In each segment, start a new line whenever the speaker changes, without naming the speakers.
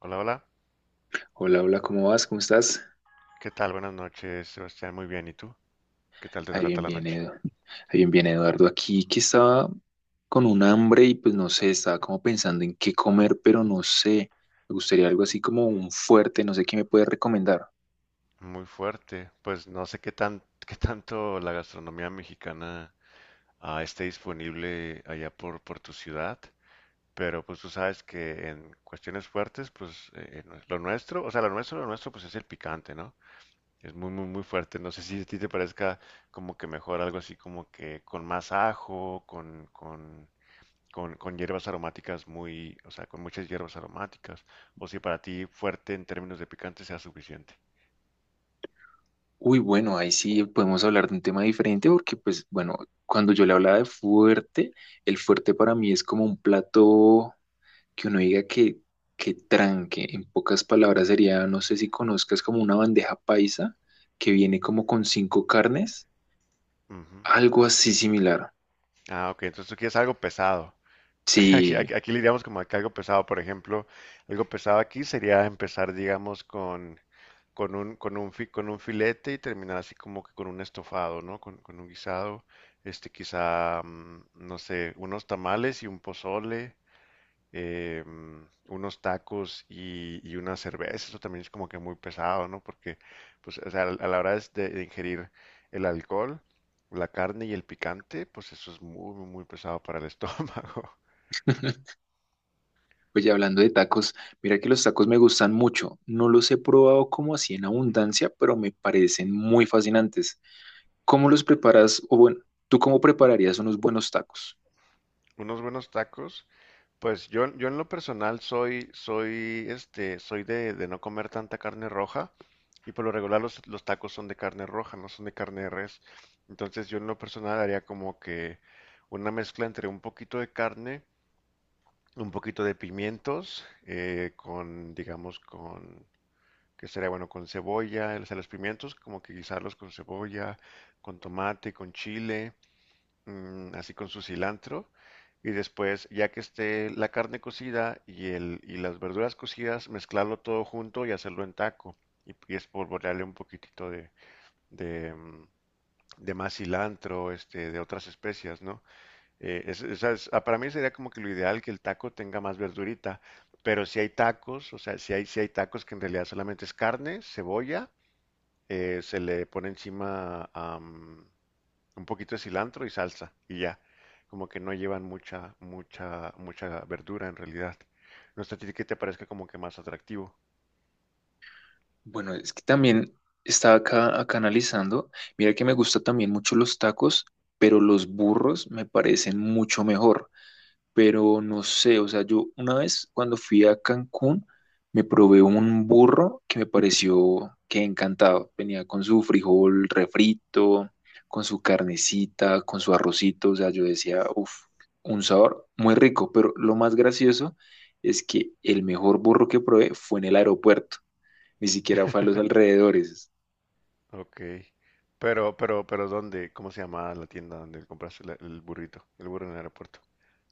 Hola, hola.
Hola, hola, ¿cómo vas? ¿Cómo estás?
¿Qué tal? Buenas noches, Sebastián. Muy bien. ¿Y tú? ¿Qué tal te
Ahí
trata
bien,
la
bien,
noche?
Edu. Ahí bien, bien, Eduardo. Aquí que estaba con un hambre y pues no sé, estaba como pensando en qué comer, pero no sé. Me gustaría algo así como un fuerte, no sé qué me puedes recomendar.
Muy fuerte. Pues no sé qué tan, qué tanto la gastronomía mexicana esté disponible allá por tu ciudad, pero pues tú sabes que en cuestiones fuertes, pues no es- lo nuestro, o sea, lo nuestro, pues es el picante, ¿no? Es muy, muy, muy fuerte. No sé si a ti te parezca como que mejor algo así como que con más ajo, con con hierbas aromáticas muy, o sea, con muchas hierbas aromáticas, o si para ti fuerte en términos de picante sea suficiente.
Uy, bueno, ahí sí podemos hablar de un tema diferente porque pues bueno, cuando yo le hablaba de fuerte, el fuerte para mí es como un plato que uno diga que tranque. En pocas palabras sería, no sé si conozcas como una bandeja paisa que viene como con cinco carnes.
Ujú.
Algo así similar.
Ah, ok, entonces tú quieres algo pesado.
Sí.
Aquí le diríamos como que algo pesado, por ejemplo, algo pesado aquí sería empezar, digamos, con, con un filete y terminar así como que con un estofado, ¿no? Con un guisado, quizá, no sé, unos tamales y un pozole, eh, unos tacos y una cerveza. Eso también es como que muy pesado, ¿no? Porque, pues, o sea, a la hora es de ingerir el alcohol, la carne y el picante, pues eso es muy, muy, muy pesado para el estómago.
Oye, hablando de tacos, mira que los tacos me gustan mucho. No los he probado como así en abundancia, pero me parecen muy fascinantes. ¿Cómo los preparas? O bueno, ¿tú cómo prepararías unos buenos tacos?
Unos buenos tacos, pues yo en lo personal soy de no comer tanta carne roja y por lo regular los tacos son de carne roja, no son de carne de res. Entonces yo en lo personal haría como que una mezcla entre un poquito de carne, un poquito de pimientos con, digamos, con, que sería bueno, con cebolla, o sea, los pimientos como que guisarlos con cebolla, con tomate, con chile, así con su cilantro. Y después, ya que esté la carne cocida y, el, y las verduras cocidas, mezclarlo todo junto y hacerlo en taco. Y espolvorearle un poquitito de, mm, de más cilantro, de otras especias, ¿no? Para mí sería como que lo ideal que el taco tenga más verdurita, pero si hay tacos, o sea, si hay tacos que en realidad solamente es carne, cebolla, se le pone encima un poquito de cilantro y salsa y ya, como que no llevan mucha verdura en realidad. No sé a ti que te parezca como que más atractivo.
Bueno, es que también estaba acá analizando. Mira que me gustan también mucho los tacos, pero los burros me parecen mucho mejor. Pero no sé, o sea, yo una vez cuando fui a Cancún me probé un burro que me pareció que encantado. Venía con su frijol refrito, con su carnecita, con su arrocito, o sea, yo decía, uff, un sabor muy rico, pero lo más gracioso es que el mejor burro que probé fue en el aeropuerto, ni siquiera fue a los alrededores.
Ok, pero, pero ¿dónde? ¿Cómo se llama la tienda donde compraste el burrito, el burro en el aeropuerto?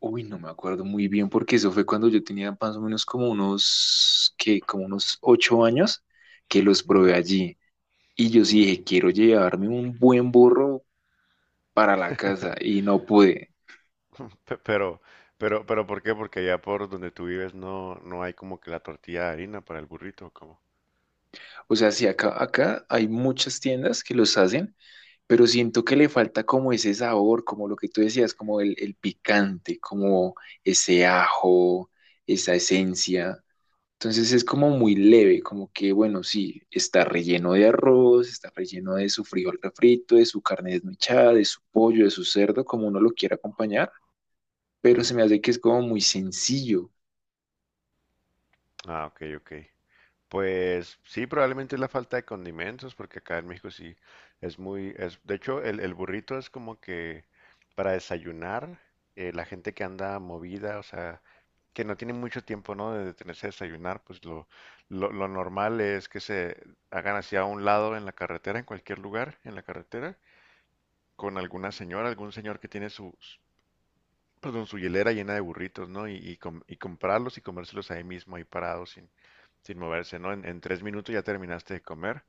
Uy, no me acuerdo muy bien porque eso fue cuando yo tenía más o menos como unos, que como unos 8 años que los probé
Ujú.
allí. Y yo sí
Mm.
dije, quiero llevarme un buen burro para la casa y no pude.
Pero, pero, ¿por qué? Porque allá por donde tú vives no hay como que la tortilla de harina para el burrito, ¿o cómo?
O sea, sí, acá hay muchas tiendas que los hacen, pero siento que le falta como ese sabor, como lo que tú decías, como el picante, como ese ajo, esa esencia. Entonces es como muy leve, como que, bueno, sí, está relleno de arroz, está relleno de su frijol refrito, de su carne desmechada, de su pollo, de su cerdo, como uno lo quiera acompañar, pero se
Ujú.
me hace que es como muy sencillo.
Ah, ok, ok. Pues sí, probablemente es la falta de condimentos, porque acá en México sí es muy, es, de hecho, el burrito es como que para desayunar, la gente que anda movida, o sea, que no tiene mucho tiempo, ¿no? De detenerse a desayunar, pues lo normal es que se hagan hacia un lado en la carretera, en cualquier lugar, en la carretera con alguna señora, algún señor que tiene perdón, su hielera llena de burritos, ¿no? Y, y comprarlos y comérselos ahí mismo, ahí parados, sin moverse, ¿no? En tres minutos ya terminaste de comer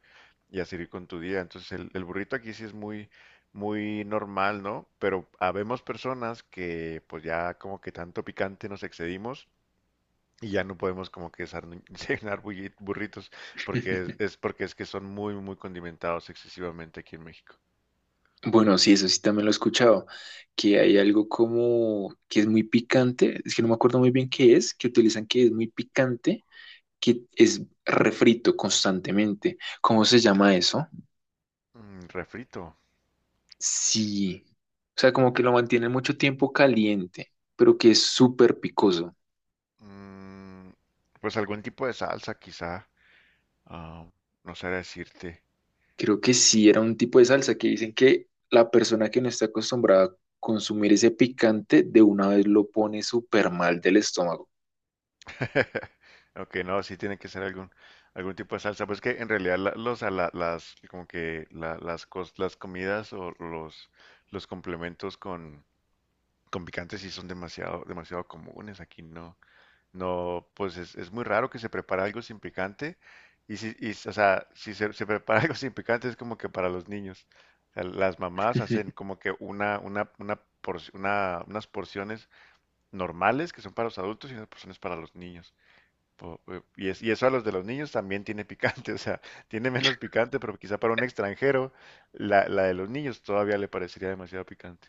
y a seguir con tu día. Entonces el burrito aquí sí es muy, muy normal, ¿no? Pero habemos personas que pues ya como que tanto picante nos excedimos. Y ya no podemos como que cenar burritos porque es porque es que son muy muy condimentados excesivamente aquí en México.
Bueno, sí, eso sí también lo he escuchado, que hay algo como que es muy picante, es que no me acuerdo muy bien qué es, que utilizan que es muy picante, que es refrito constantemente. ¿Cómo se llama eso?
Mm, refrito.
Sí, o sea, como que lo mantienen mucho tiempo caliente, pero que es súper picoso.
Mm, pues algún tipo de salsa, quizá. Ah, no sé decirte.
Creo que sí, era un tipo de salsa que dicen que la persona que no está acostumbrada a consumir ese picante de una vez lo pone súper mal del estómago.
Aunque no, sí tiene que ser algún tipo de salsa. Pues que en realidad como que las comidas o los complementos con picante sí son demasiado, demasiado comunes. Aquí no. No, pues es muy raro que se prepare algo sin picante. Y si, y, o sea, si se, se prepara algo sin picante es como que para los niños. O sea, las mamás hacen como que unas porciones normales que son para los adultos y unas porciones para los niños. Y eso a los de los niños también tiene picante, o sea, tiene menos picante, pero quizá para un extranjero la de los niños todavía le parecería demasiado picante.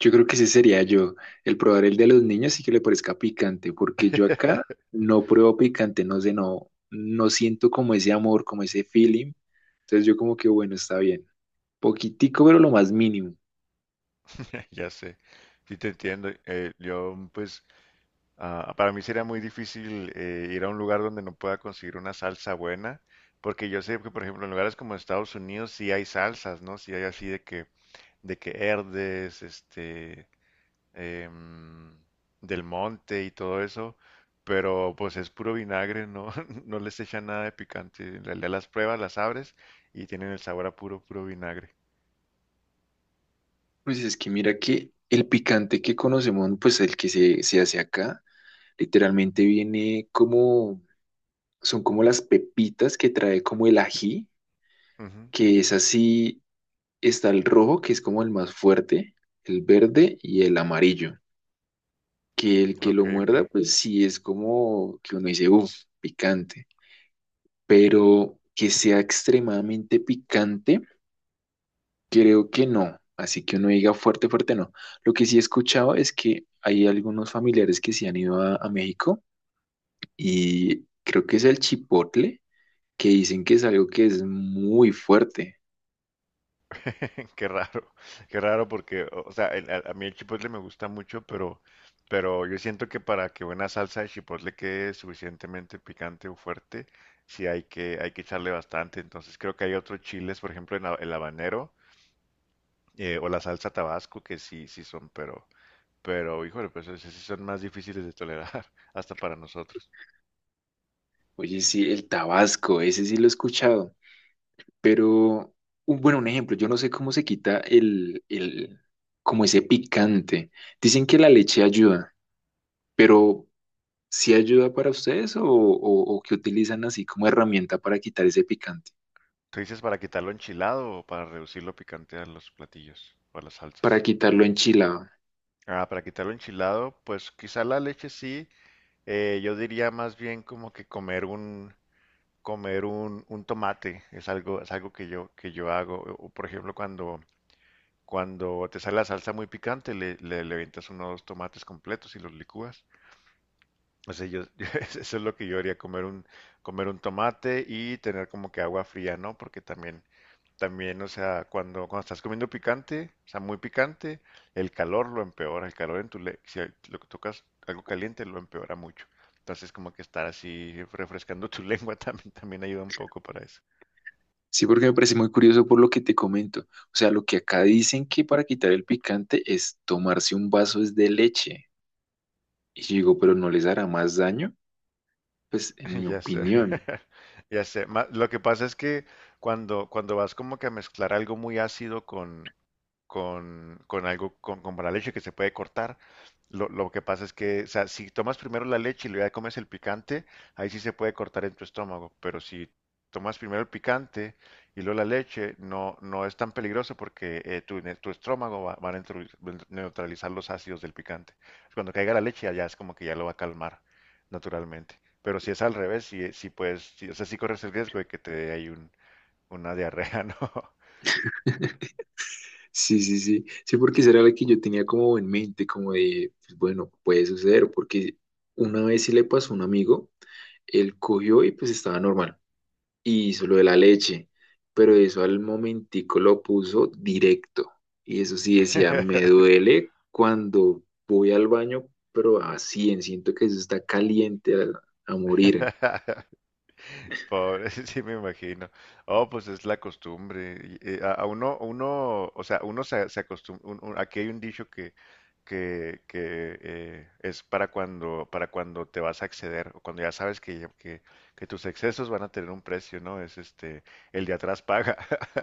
Yo creo que ese sería yo, el probar el de los niños y que le parezca picante, porque yo acá no pruebo picante, no sé, no, no siento como ese amor, como ese feeling. Entonces yo como que, bueno, está bien. Poquitico, pero lo más mínimo.
Ya sé, sí te entiendo. Yo pues para mí sería muy difícil ir a un lugar donde no pueda conseguir una salsa buena, porque yo sé que, por ejemplo, en lugares como Estados Unidos sí hay salsas, ¿no? Sí hay así de que Herdes, em, Del Monte y todo eso, pero pues es puro vinagre, ¿no? No les echan nada de picante. En realidad las pruebas, las abres y tienen el sabor a puro, puro vinagre.
Pues es que mira que el picante que conocemos, pues el que se hace acá, literalmente viene como, son como las pepitas que trae como el ají,
Ujú.
que es así, está el rojo, que es como el más fuerte, el verde y el amarillo. Que el que
Ok,
lo
ok.
muerda, pues sí es como que uno dice, uff, picante, pero que sea extremadamente picante, creo que no. Así que uno diga fuerte, fuerte, no. Lo que sí he escuchado es que hay algunos familiares que se han ido a México y creo que es el chipotle, que dicen que es algo que es muy fuerte.
Qué raro, qué raro porque, o sea, a mí el chipotle me gusta mucho, pero yo siento que para que una salsa de chipotle quede suficientemente picante o fuerte, sí hay que echarle bastante. Entonces creo que hay otros chiles, por ejemplo, el habanero o la salsa tabasco, que sí, sí son, pero, híjole, pues esos sí son más difíciles de tolerar, hasta para nosotros.
Oye, sí, el tabasco, ese sí lo he escuchado. Pero, un, bueno, un ejemplo, yo no sé cómo se quita el como ese picante. Dicen que la leche ayuda, pero ¿sí ayuda para ustedes o que utilizan así como herramienta para quitar ese picante?
¿Tú dices para quitarlo enchilado o para reducirlo picante a los platillos o a las
Para
salsas?
quitarlo enchilado.
Ah, para quitarlo enchilado, pues quizá la leche sí. Yo diría más bien como que comer un tomate es algo que yo hago o, por ejemplo cuando te sale la salsa muy picante le avientas unos tomates completos y los licúas. O sea, yo, eso es lo que yo haría, comer un, comer un tomate y tener como que agua fría, ¿no? Porque también, o sea, cuando estás comiendo picante, o sea, muy picante, el calor lo empeora, el calor en tu le si lo que tocas algo caliente lo empeora mucho. Entonces, como que estar así refrescando tu lengua también ayuda un poco para eso.
Sí, porque me parece muy curioso por lo que te comento. O sea, lo que acá dicen que para quitar el picante es tomarse un vaso es de leche. Y yo digo, pero ¿no les hará más daño? Pues en mi
Ya sé,
opinión.
ya sé. Lo que pasa es que cuando vas como que a mezclar algo muy ácido con algo, con la leche que se puede cortar. Lo que pasa es que, o sea, si tomas primero la leche y luego ya comes el picante, ahí sí se puede cortar en tu estómago. Pero si tomas primero el picante y luego la leche, no, no es tan peligroso porque tu estómago va a neutralizar los ácidos del picante. Cuando caiga la leche, allá es como que ya lo va a calmar naturalmente. Pero si es al revés, si, si puedes, sí, o sea, si corres el riesgo de que te dé ahí un, una diarrea, ¿no?
Sí, sí, sí. Sí, porque esa era la que yo tenía como en mente, como de, pues, bueno, puede suceder, porque una vez sí le pasó a un amigo, él cogió y pues estaba normal, y hizo lo de la leche, pero eso al momentico lo puso directo, y eso sí decía, me duele cuando voy al baño, pero así, en siento que eso está caliente a morir.
Pobre, sí me imagino. Oh, pues es la costumbre. Y, a uno, o sea, se acostumbra. Aquí hay un dicho que es para cuando te vas a exceder, o cuando ya sabes que tus excesos van a tener un precio, ¿no? Es el de atrás paga.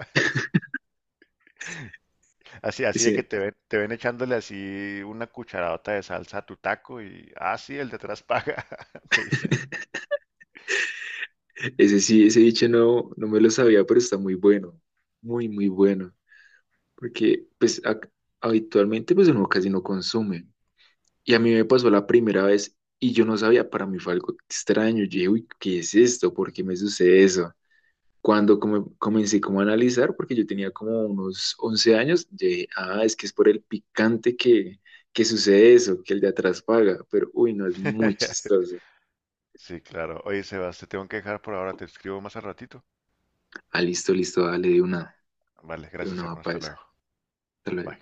Así, así de que
Ese,
te ven echándole así una cucharadota de salsa a tu taco y, ah, sí, el de atrás paga, te dice.
ese sí, ese dicho no me lo sabía, pero está muy bueno, muy, muy bueno. Porque pues ac- habitualmente pues uno casi no consume. Y a mí me pasó la primera vez y yo no sabía, para mí fue algo extraño. Yo dije, uy, ¿qué es esto? ¿Por qué me sucede eso? Cuando come- comencé como a analizar, porque yo tenía como unos 11 años, yo dije, ah, es que es por el picante que sucede eso, que el de atrás paga. Pero uy, no, es muy chistoso.
Sí, claro. Oye, Sebas, te tengo que dejar por ahora, te escribo más al ratito.
Ah, listo, listo, dale
Vale,
de
gracias
una
hermano,
mapa
hasta luego.
esa. Hasta
Bye.
luego.